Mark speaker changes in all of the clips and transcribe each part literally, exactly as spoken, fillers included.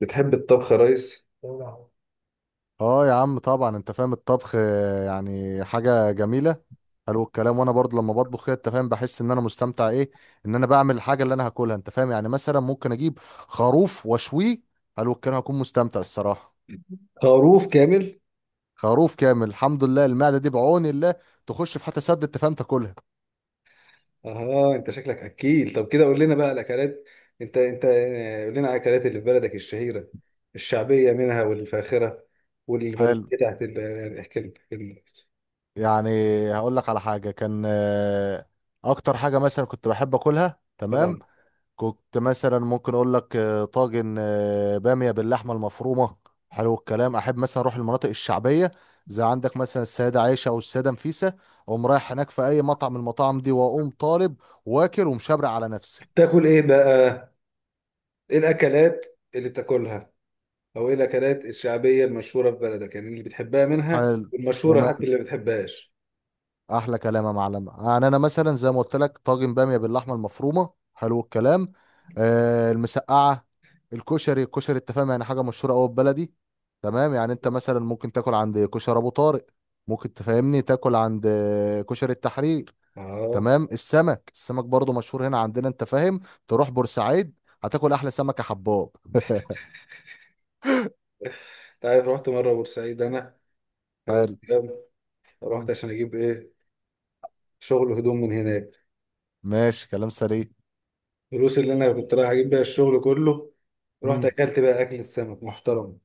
Speaker 1: بتحب الطبخ يا ريس؟
Speaker 2: اه يا عم طبعا انت فاهم الطبخ آه، يعني حاجة جميلة. حلو الكلام وانا برضه لما بطبخ كده انت فاهم بحس ان انا مستمتع ايه ان انا بعمل الحاجة اللي انا هاكلها انت فاهم، يعني مثلا ممكن اجيب خروف واشويه. حلو الكلام هكون مستمتع الصراحة.
Speaker 1: خروف كامل؟
Speaker 2: خروف كامل، الحمد لله المعدة دي بعون الله تخش في حتى سد انت فاهم تاكلها.
Speaker 1: اها، انت شكلك اكيل. طب كده قول لنا بقى الاكلات. انت انت آه، قول لنا على الاكلات اللي في بلدك الشهيره، الشعبيه منها والفاخره،
Speaker 2: حلو،
Speaker 1: والبربريه بتاعت ال- يعني احكي لنا احكي لنا.
Speaker 2: يعني هقول لك على حاجة كان آه، اكتر حاجة مثلا كنت بحب اكلها. تمام،
Speaker 1: اه.
Speaker 2: كنت مثلا ممكن اقول لك آه، طاجن آه، باميه باللحمه المفرومه. حلو الكلام، احب مثلا اروح المناطق الشعبيه، زي عندك مثلا السيده عائشه او السيده نفيسه، اقوم رايح هناك في اي مطعم من المطاعم دي واقوم طالب واكل ومشبع على نفسي.
Speaker 1: تاكل ايه بقى؟ ايه الاكلات اللي بتاكلها؟ او ايه الاكلات الشعبيه المشهوره في بلدك، يعني اللي بتحبها منها
Speaker 2: حلو،
Speaker 1: والمشهوره، حتى اللي ما بتحبهاش؟
Speaker 2: احلى كلام يا معلم. يعني انا مثلا زي ما قلت لك طاجن باميه باللحمه المفرومه، حلو الكلام، آه المسقعه، الكشري الكشري انت فاهم، يعني حاجه مشهوره قوي في بلدي. تمام، يعني انت مثلا ممكن تاكل عند كشري ابو طارق، ممكن تفهمني تاكل عند آه، كشري التحرير.
Speaker 1: اه.
Speaker 2: تمام، السمك السمك برضو مشهور هنا عندنا انت فاهم. تروح بورسعيد هتاكل احلى سمك يا حباب.
Speaker 1: انت عارف؟ رحت مره بورسعيد انا. حلو
Speaker 2: حلو.
Speaker 1: الكلام. رحت
Speaker 2: مم.
Speaker 1: عشان اجيب ايه؟ شغل هدوم من هناك.
Speaker 2: ماشي كلام سليم.
Speaker 1: الفلوس اللي انا كنت رايح اجيب بيها الشغل كله، رحت
Speaker 2: مم.
Speaker 1: اكلت بقى اكل السمك محترم.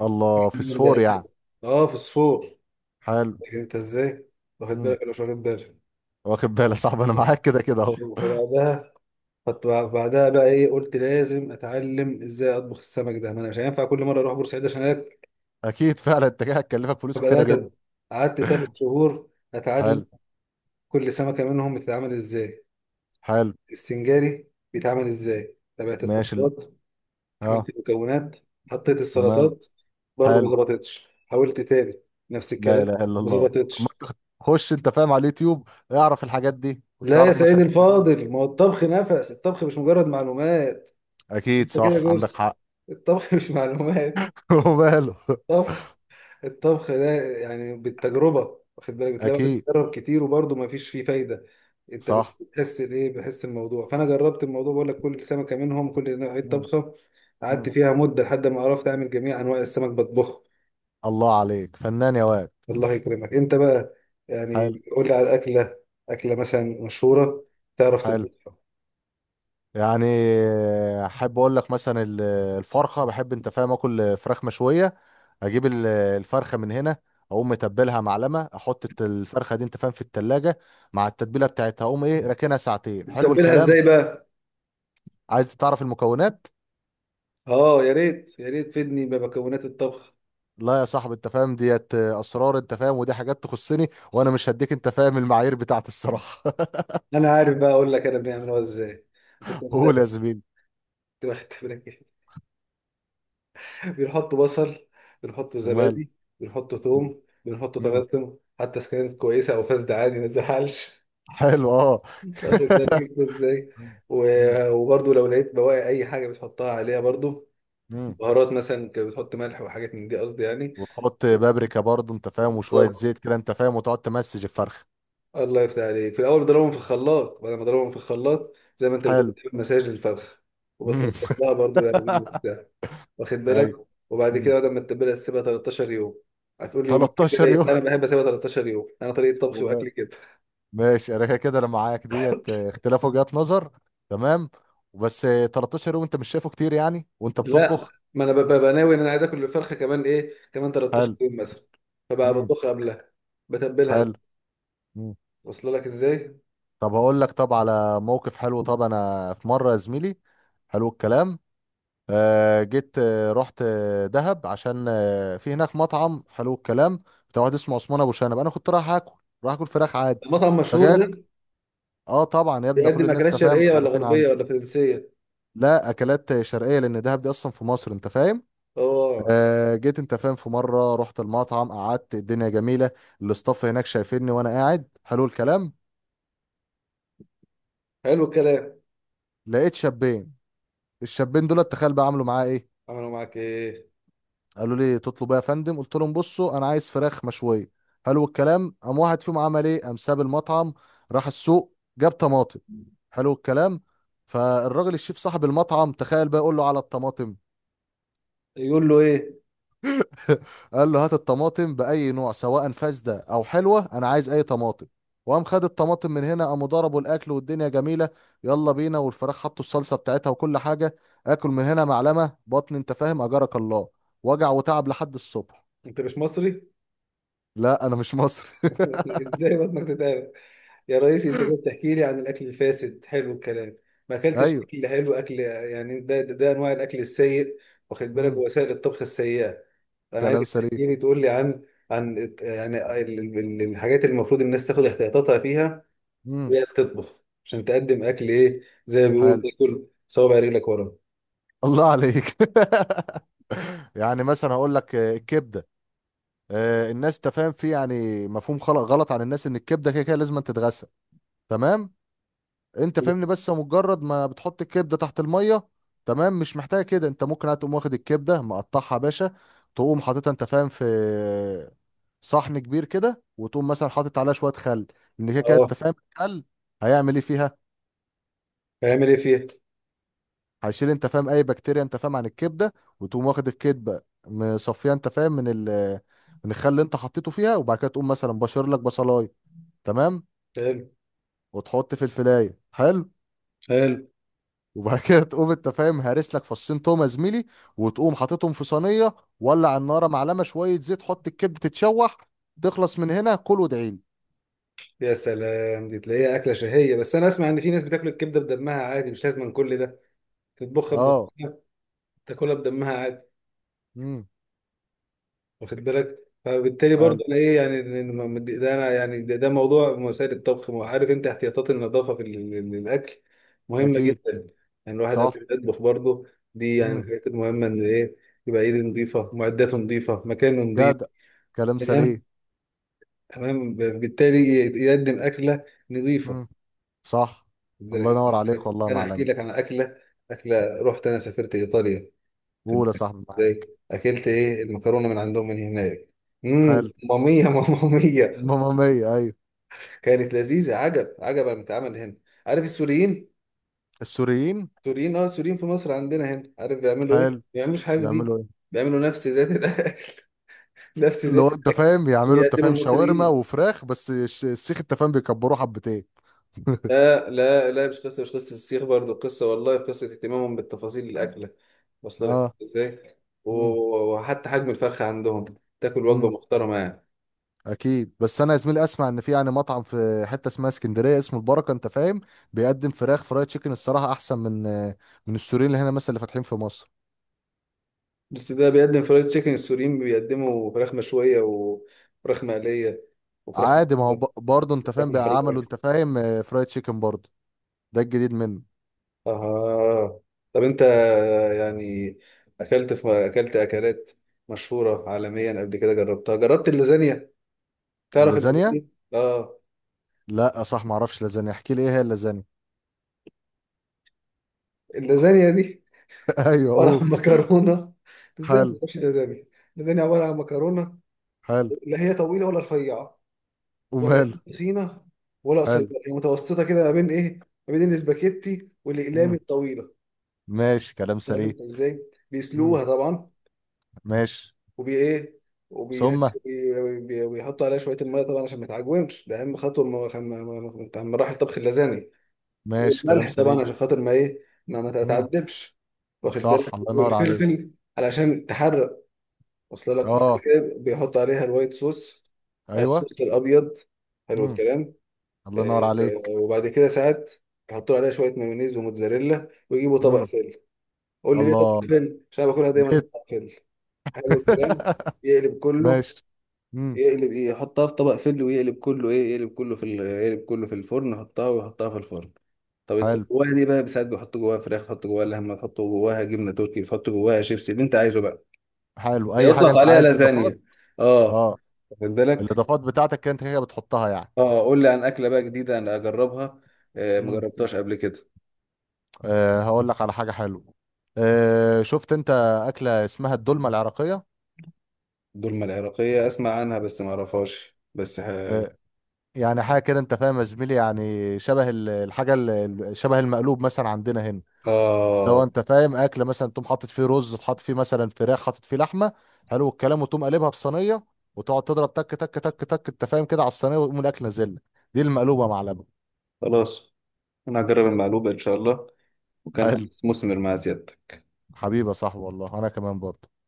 Speaker 2: الله فسفور يعني.
Speaker 1: اه، في صفور.
Speaker 2: حلو.
Speaker 1: لكن انت ازاي، واخد
Speaker 2: مم.
Speaker 1: بالك ولا مش واخد بالك؟
Speaker 2: واخد بالك يا صاحبي، انا معاك كده كده اهو.
Speaker 1: فبعدها، فت- بعدها بقى ايه، قلت لازم اتعلم ازاي اطبخ السمك ده، ما انا مش هينفع كل مره اروح بورسعيد عشان اكل.
Speaker 2: اكيد فعلا التكية هتكلفك فلوس
Speaker 1: فبقى
Speaker 2: كتيره جدا.
Speaker 1: أنا قعدت ثلاث شهور اتعلم،
Speaker 2: حلو.
Speaker 1: كل سمكه منهم بتتعمل ازاي،
Speaker 2: حلو.
Speaker 1: السنجاري بيتعمل ازاي، تابعت
Speaker 2: ماشي ال-
Speaker 1: الخطوات، عملت
Speaker 2: اه.
Speaker 1: المكونات، حطيت
Speaker 2: ومال.
Speaker 1: السلطات. برضو ما
Speaker 2: حلو.
Speaker 1: ظبطتش. حاولت تاني، نفس
Speaker 2: لا
Speaker 1: الكلام،
Speaker 2: اله الا
Speaker 1: ما
Speaker 2: الله، طب ما
Speaker 1: ظبطتش.
Speaker 2: انت خش انت فاهم على اليوتيوب اعرف الحاجات دي
Speaker 1: لا يا
Speaker 2: وتعرف
Speaker 1: سيدي
Speaker 2: مثلا الحديد.
Speaker 1: الفاضل، ما هو الطبخ نفس الطبخ، مش مجرد معلومات. انت
Speaker 2: اكيد
Speaker 1: كده
Speaker 2: صح عندك
Speaker 1: جوست.
Speaker 2: حق.
Speaker 1: الطبخ مش معلومات
Speaker 2: وماله.
Speaker 1: طبخ. الطبخ ده يعني بالتجربة، واخد بالك، بتلاقي واحد
Speaker 2: اكيد.
Speaker 1: بيجرب كتير وبرضه ما فيش فيه فايدة. انت
Speaker 2: صح.
Speaker 1: بتحس الايه، بتحس الموضوع. فانا جربت الموضوع، بقول لك كل سمكة منهم كل نوع
Speaker 2: مم.
Speaker 1: طبخة. قعدت
Speaker 2: مم.
Speaker 1: فيها مدة لحد ما عرفت اعمل جميع انواع السمك بطبخه.
Speaker 2: الله عليك فنان يا واد.
Speaker 1: الله يكرمك. انت بقى
Speaker 2: حلو.
Speaker 1: يعني قول لي على اكله، اكله مثلا مشهوره، تعرف
Speaker 2: حلو،
Speaker 1: تطبخها؟
Speaker 2: يعني احب اقول لك مثلا ال- الفرخه، بحب انت فاهم اكل فراخ مشويه، اجيب ال- الفرخه من هنا، اقوم متبلها معلمه، احط الت- الفرخه دي انت فاهم في التلاجة مع التتبيله بتاعتها، اقوم ايه راكنها ساعتين. حلو
Speaker 1: تتبلها
Speaker 2: الكلام.
Speaker 1: ازاي بقى؟
Speaker 2: عايز تعرف المكونات؟
Speaker 1: اه، يا ريت يا ريت تفيدني بمكونات الطبخ.
Speaker 2: لا يا صاحبي انت فاهم ديت اسرار، انت فاهم ودي حاجات تخصني، وانا مش هديك انت فاهم المعايير بتاعت الصراحه.
Speaker 1: انا عارف، بقى اقول لك انا بنعملها ازاي. كنت
Speaker 2: قول يا
Speaker 1: مختبر،
Speaker 2: زميلي.
Speaker 1: كنت بختبرك. ايه بنحط بصل، بنحط
Speaker 2: ومال.
Speaker 1: زبادي، بنحط توم، بنحط
Speaker 2: مم.
Speaker 1: طماطم، حتى اذا كانت كويسه او فاسده عادي ما تزعلش.
Speaker 2: حلو اه.
Speaker 1: واخد بالك ازاي؟
Speaker 2: مم.
Speaker 1: و- وبرضو لو لقيت بواقي اي حاجه بتحطها عليها برضو.
Speaker 2: مم.
Speaker 1: بهارات مثلا، كنت بتحط ملح وحاجات من دي، قصدي يعني.
Speaker 2: وتحط بابريكا برضه انت فاهم، وشويه
Speaker 1: بالظبط.
Speaker 2: زيت كده انت فاهم، وتقعد تمسج الفرخه.
Speaker 1: الله يفتح عليك. في الاول بضربهم في الخلاط، بعد ما اضربهم في الخلاط زي ما انت بتقول
Speaker 2: حلو.
Speaker 1: بتعمل مساج للفرخه،
Speaker 2: مم.
Speaker 1: وبتلطش لها برضو يعني وبتاع. واخد بالك.
Speaker 2: ايوه.
Speaker 1: وبعد كده
Speaker 2: مم.
Speaker 1: بعد ما تتبلها تسيبها تلتاشر يوم. هتقول لي يومين
Speaker 2: 13
Speaker 1: كفايه،
Speaker 2: يوم.
Speaker 1: انا بحب اسيبها تلتاشر يوم، انا طريقه طبخي
Speaker 2: ومال.
Speaker 1: واكلي كده.
Speaker 2: ماشي، انا كده كده انا معاك ديت اه، اختلاف وجهات نظر. تمام. وبس اه، 13 يوم، انت مش شايفه كتير يعني وانت
Speaker 1: لا،
Speaker 2: بتطبخ؟
Speaker 1: ما انا ببقى ببقى ناوي ان انا عايز اكل الفرخه كمان، ايه، كمان تلتاشر
Speaker 2: حلو.
Speaker 1: يوم مثلا. فبقى
Speaker 2: مم.
Speaker 1: بطبخها قبلها، بتبلها.
Speaker 2: حلو. مم.
Speaker 1: واصله لك ازاي؟
Speaker 2: طب هقول لك، طب على موقف حلو، طب انا في مره يا زميلي، حلو الكلام، آه، جيت آه، رحت آه، دهب، عشان آه، في هناك مطعم حلو الكلام، بتاع واحد اسمه عثمان ابو شنب، انا كنت رايح اكل، رايح اكل فراخ عادي.
Speaker 1: المطعم مشهور
Speaker 2: فجاك
Speaker 1: ده؟
Speaker 2: اه، طبعا يا ابني، ده كل
Speaker 1: بيقدم
Speaker 2: الناس
Speaker 1: اكلات
Speaker 2: تفهم
Speaker 1: شرقيه ولا
Speaker 2: عارفين
Speaker 1: غربيه
Speaker 2: عنده.
Speaker 1: ولا فرنسيه؟
Speaker 2: لا، اكلات شرقيه، لان دهب دي اصلا في مصر انت فاهم.
Speaker 1: اه.
Speaker 2: آه جيت انت فاهم في مره رحت المطعم، قعدت، الدنيا جميله، الاستاف هناك شايفيني وانا قاعد، حلو الكلام،
Speaker 1: حلو الكلام.
Speaker 2: لقيت شابين. الشابين دول تخيل بقى عملوا معايا ايه؟
Speaker 1: عملوا معاك ايه؟
Speaker 2: قالوا لي تطلب ايه يا فندم؟ قلت لهم بصوا انا عايز فراخ مشويه. حلو الكلام، قام واحد فيهم عمل ايه، قام ساب المطعم، راح السوق، جاب طماطم. حلو الكلام. فالراجل الشيف صاحب المطعم، تخيل بقى يقول له على الطماطم.
Speaker 1: يقول له ايه؟
Speaker 2: قال له هات الطماطم باي نوع، سواء فاسده او حلوه، انا عايز اي طماطم. وقام خد الطماطم من هنا، قاموا ضربوا الاكل والدنيا جميله، يلا بينا، والفراخ حطوا الصلصه بتاعتها وكل حاجه، اكل من هنا معلمه بطن انت فاهم، اجرك الله، وجع وتعب لحد الصبح.
Speaker 1: انت مش مصري؟
Speaker 2: لا انا مش مصري.
Speaker 1: ازاي بطنك تتعب؟ يا رئيسي، انت جاي تحكي لي عن الاكل الفاسد؟ حلو الكلام. ما اكلتش
Speaker 2: ايوه.
Speaker 1: اكل حلو، اكل يعني ده ده, ده انواع الاكل السيء. واخد بالك،
Speaker 2: مم.
Speaker 1: وسائل الطبخ السيئه. انا
Speaker 2: كلام
Speaker 1: عايزك
Speaker 2: سليم.
Speaker 1: تحكي لي، تقول لي عن عن يعني ال- ال- ال- الحاجات اللي المفروض الناس تاخد احتياطاتها فيها
Speaker 2: مم.
Speaker 1: وهي بتطبخ، عشان تقدم اكل ايه، زي ما بيقولوا
Speaker 2: حلو.
Speaker 1: تاكل صوابع رجلك ورا.
Speaker 2: الله عليك. يعني مثلا هقول لك آه، الكبده، آه، الناس تفهم فيه يعني مفهوم خلق غلط عن الناس، ان الكبده كده كده لازم أن تتغسل. تمام، انت فاهمني، بس مجرد ما بتحط الكبده تحت الميه، تمام، مش محتاجه كده. انت ممكن هتقوم واخد الكبده مقطعها يا باشا، تقوم حاططها انت فاهم في صحن كبير كده، وتقوم مثلا حاطط عليها شويه خل، لان كده كده
Speaker 1: اه،
Speaker 2: انت فاهم الخل هيعمل ايه فيها؟
Speaker 1: هيعمل ايه فيها؟
Speaker 2: هيشيل انت فاهم اي بكتيريا انت فاهم عن الكبده. وتقوم واخد الكبده مصفيه انت فاهم من ال من الخل اللي انت حطيته فيها، وبعد كده تقوم مثلا بشر لك بصلايه، تمام،
Speaker 1: حلو،
Speaker 2: وتحط في الفلايه. حلو.
Speaker 1: حلو.
Speaker 2: وبعد كده تقوم انت فاهم هارس لك فصين توم يا زميلي، وتقوم حاططهم في صينيه، ولع النار، معلقه شويه زيت، حط الكبده تتشوح، تخلص من هنا كل وادعي لي.
Speaker 1: يا سلام، دي تلاقيها أكلة شهية، بس أنا أسمع إن في ناس بتاكل الكبدة بدمها عادي، مش لازم كل ده. تطبخها
Speaker 2: اه.
Speaker 1: بدمها، تاكلها بدمها عادي.
Speaker 2: امم.
Speaker 1: واخد بالك؟ فبالتالي
Speaker 2: حلو.
Speaker 1: برضه أنا إيه، يعني إن- إن- ده أنا يعني ده, ده موضوع مسائل الطبخ، وعارف أنت احتياطات النظافة في ال- ال- الأكل مهمة
Speaker 2: اكيد.
Speaker 1: جدا. يعني الواحد
Speaker 2: صح.
Speaker 1: قبل ما يطبخ برضه، دي يعني من
Speaker 2: امم.
Speaker 1: الحاجات المهمة، إن إيه؟ يبقى إيده نظيفة، معداته نظيفة، مكانه نظيف.
Speaker 2: جدع. كلام
Speaker 1: تمام،
Speaker 2: سليم.
Speaker 1: تمام، بالتالي يقدم أكلة نظيفة.
Speaker 2: امم. صح.
Speaker 1: خد
Speaker 2: الله
Speaker 1: بالك.
Speaker 2: ينور عليك والله يا
Speaker 1: انا
Speaker 2: معلم.
Speaker 1: احكي لك عن اكله، اكله، رحت انا سافرت ايطاليا،
Speaker 2: قول يا
Speaker 1: كنت
Speaker 2: صاحبي،
Speaker 1: ازاي،
Speaker 2: معاك.
Speaker 1: اكلت ايه المكرونه من عندهم من هناك؟ امم
Speaker 2: حلو.
Speaker 1: ماميه ماميه.
Speaker 2: ماما مية، ايوه.
Speaker 1: كانت لذيذه، عجب عجب. انا بتعمل هنا، عارف السوريين؟
Speaker 2: السوريين.
Speaker 1: السوريين، اه، السوريين في مصر عندنا هنا، عارف بيعملوا ايه؟ ما
Speaker 2: حلو.
Speaker 1: بيعملوش حاجه
Speaker 2: بيعملوا
Speaker 1: جديده.
Speaker 2: ايه؟
Speaker 1: بيعملوا نفس ذات الاكل. نفس
Speaker 2: اللي
Speaker 1: ذات
Speaker 2: هو انت
Speaker 1: الاكل
Speaker 2: فاهم
Speaker 1: اللي
Speaker 2: بيعملوا انت
Speaker 1: بيقدمه
Speaker 2: فاهم شاورما
Speaker 1: المصريين.
Speaker 2: وفراخ، بس الش- السيخ انت فاهم بيكبروه حبتين.
Speaker 1: لا، لا، لا، مش قصة، مش قصة السيخ برضو، قصة والله قصة اهتمامهم بالتفاصيل الأكلة، واصلة لك
Speaker 2: اه.
Speaker 1: ازاي؟ و-
Speaker 2: امم.
Speaker 1: وحتى حجم الفرخة عندهم، تاكل وجبة
Speaker 2: امم.
Speaker 1: محترمة يعني.
Speaker 2: اكيد. بس انا يا زميلي اسمع ان في يعني مطعم في حته اسمها اسكندريه اسمه البركه انت فاهم، بيقدم فراخ فرايد تشيكن، الصراحه احسن من من السوريين اللي هنا مثلا اللي فاتحين في مصر.
Speaker 1: بس ده بيقدم فرايد تشيكن، السوريين بيقدموا فراخ مشوية وفراخ مقلية، وفراخ
Speaker 2: عادي، ما هو ب- برضه انت
Speaker 1: فراخ
Speaker 2: فاهم بقى عملوا
Speaker 1: محروقة.
Speaker 2: انت فاهم آه، فرايد تشيكن برضه، ده الجديد منه.
Speaker 1: آه. طب أنت يعني أكلت في أكلت أكلات مشهورة عالميا قبل كده، جربتها جربت اللازانيا؟ تعرف
Speaker 2: اللازانيا؟
Speaker 1: اللازانيا؟ آه.
Speaker 2: لا صح، ما اعرفش لازانيا، احكي لي ايه هي اللازانيا.
Speaker 1: اللازانيا دي
Speaker 2: ايوه
Speaker 1: عبارة
Speaker 2: اوه.
Speaker 1: عن مكرونة. ازاي ما
Speaker 2: حلو.
Speaker 1: تبقاش لازانيا؟ لازانيا عبارة عن مكرونة،
Speaker 2: حلو.
Speaker 1: لا هي طويلة ولا رفيعة، ولا
Speaker 2: وماله.
Speaker 1: هي تخينة ولا قصيرة،
Speaker 2: حلو.
Speaker 1: هي متوسطة كده ما بين ايه، ما بين الاسباجيتي والاقلام
Speaker 2: مم.
Speaker 1: الطويلة.
Speaker 2: ماشي كلام
Speaker 1: طيب
Speaker 2: سليم.
Speaker 1: انت ازاي
Speaker 2: مم.
Speaker 1: بيسلوها طبعا،
Speaker 2: ماشي.
Speaker 1: وبي ايه،
Speaker 2: ثم.
Speaker 1: وبينش- وبي- بي- وبيحطوا عليها شوية المية طبعا عشان ما تعجنش، ده أهم خطوة من من- من- من مراحل طبخ اللازانيا،
Speaker 2: ماشي كلام
Speaker 1: والملح طبعا
Speaker 2: سليم.
Speaker 1: عشان خاطر ما ايه، ما ما
Speaker 2: مم.
Speaker 1: تتعذبش، واخد
Speaker 2: صح
Speaker 1: بالك،
Speaker 2: الله ينور عليك.
Speaker 1: والفلفل علشان تحرق. وصل لك؟ بعد
Speaker 2: اه.
Speaker 1: كده بيحط عليها الوايت صوص،
Speaker 2: ايوه.
Speaker 1: الصوص الابيض، حلو
Speaker 2: مم.
Speaker 1: الكلام.
Speaker 2: الله ينور
Speaker 1: آه، آه،
Speaker 2: عليك.
Speaker 1: وبعد كده ساعات يحطوا عليها شويه مايونيز وموتزاريلا، ويجيبوا طبق
Speaker 2: مم.
Speaker 1: فل. قول لي ليه طبق
Speaker 2: الله،
Speaker 1: فل؟ عشان أنا باكلها دايما في
Speaker 2: جيت.
Speaker 1: طبق فل. حلو الكلام. يقلب كله،
Speaker 2: ماشي. مم.
Speaker 1: يقلب ايه، يحطها في طبق فل ويقلب كله، ايه، يقلب كله في ال- يقلب كله في الفرن، يحطها ويحطها في الفرن. طب انت
Speaker 2: حلو.
Speaker 1: جواها دي بقى ساعات بيحطوا جواها فراخ، تحط جواها لحمه، تحط جواها جبنه تركي، تحط جواها شيبسي، اللي انت عايزه بقى
Speaker 2: حلو، اي حاجه
Speaker 1: يطلق
Speaker 2: انت
Speaker 1: عليها
Speaker 2: عايز اضافات.
Speaker 1: لازانيا. اه،
Speaker 2: اه.
Speaker 1: واخد بالك.
Speaker 2: الاضافات بتاعتك انت كده بتحطها يعني.
Speaker 1: اه قول لي عن اكله بقى جديده انا اجربها، آه
Speaker 2: مم.
Speaker 1: مجربتهاش قبل كده.
Speaker 2: أه هقول لك على حاجة حلوة. أه، شفت انت أكلة اسمها الدولمة العراقية؟
Speaker 1: دولمة العراقيه اسمع عنها بس ما اعرفهاش، بس ه...
Speaker 2: أه، يعني حاجة كده انت فاهم يا زميلي، يعني شبه ال- الحاجة ال- ال- شبه المقلوب مثلا عندنا هنا.
Speaker 1: اه،
Speaker 2: لو انت فاهم أكل مثلا تقوم حاطط فيه رز، تحط فيه مثلا فراخ، حاطط فيه لحمة، حلو الكلام، وتقوم قلبها في صينية، وتقعد تضرب تك تك تك تك انت فاهم كده على الصينية، وتقوم الأكل نازل لك. دي المقلوبة معلبة.
Speaker 1: خلاص. انا هجرب المقلوبه ان شاء الله، وكان
Speaker 2: حلو.
Speaker 1: هنستثمر مع زيادتك.
Speaker 2: حبيبي يا صاحبي، والله انا كمان برضه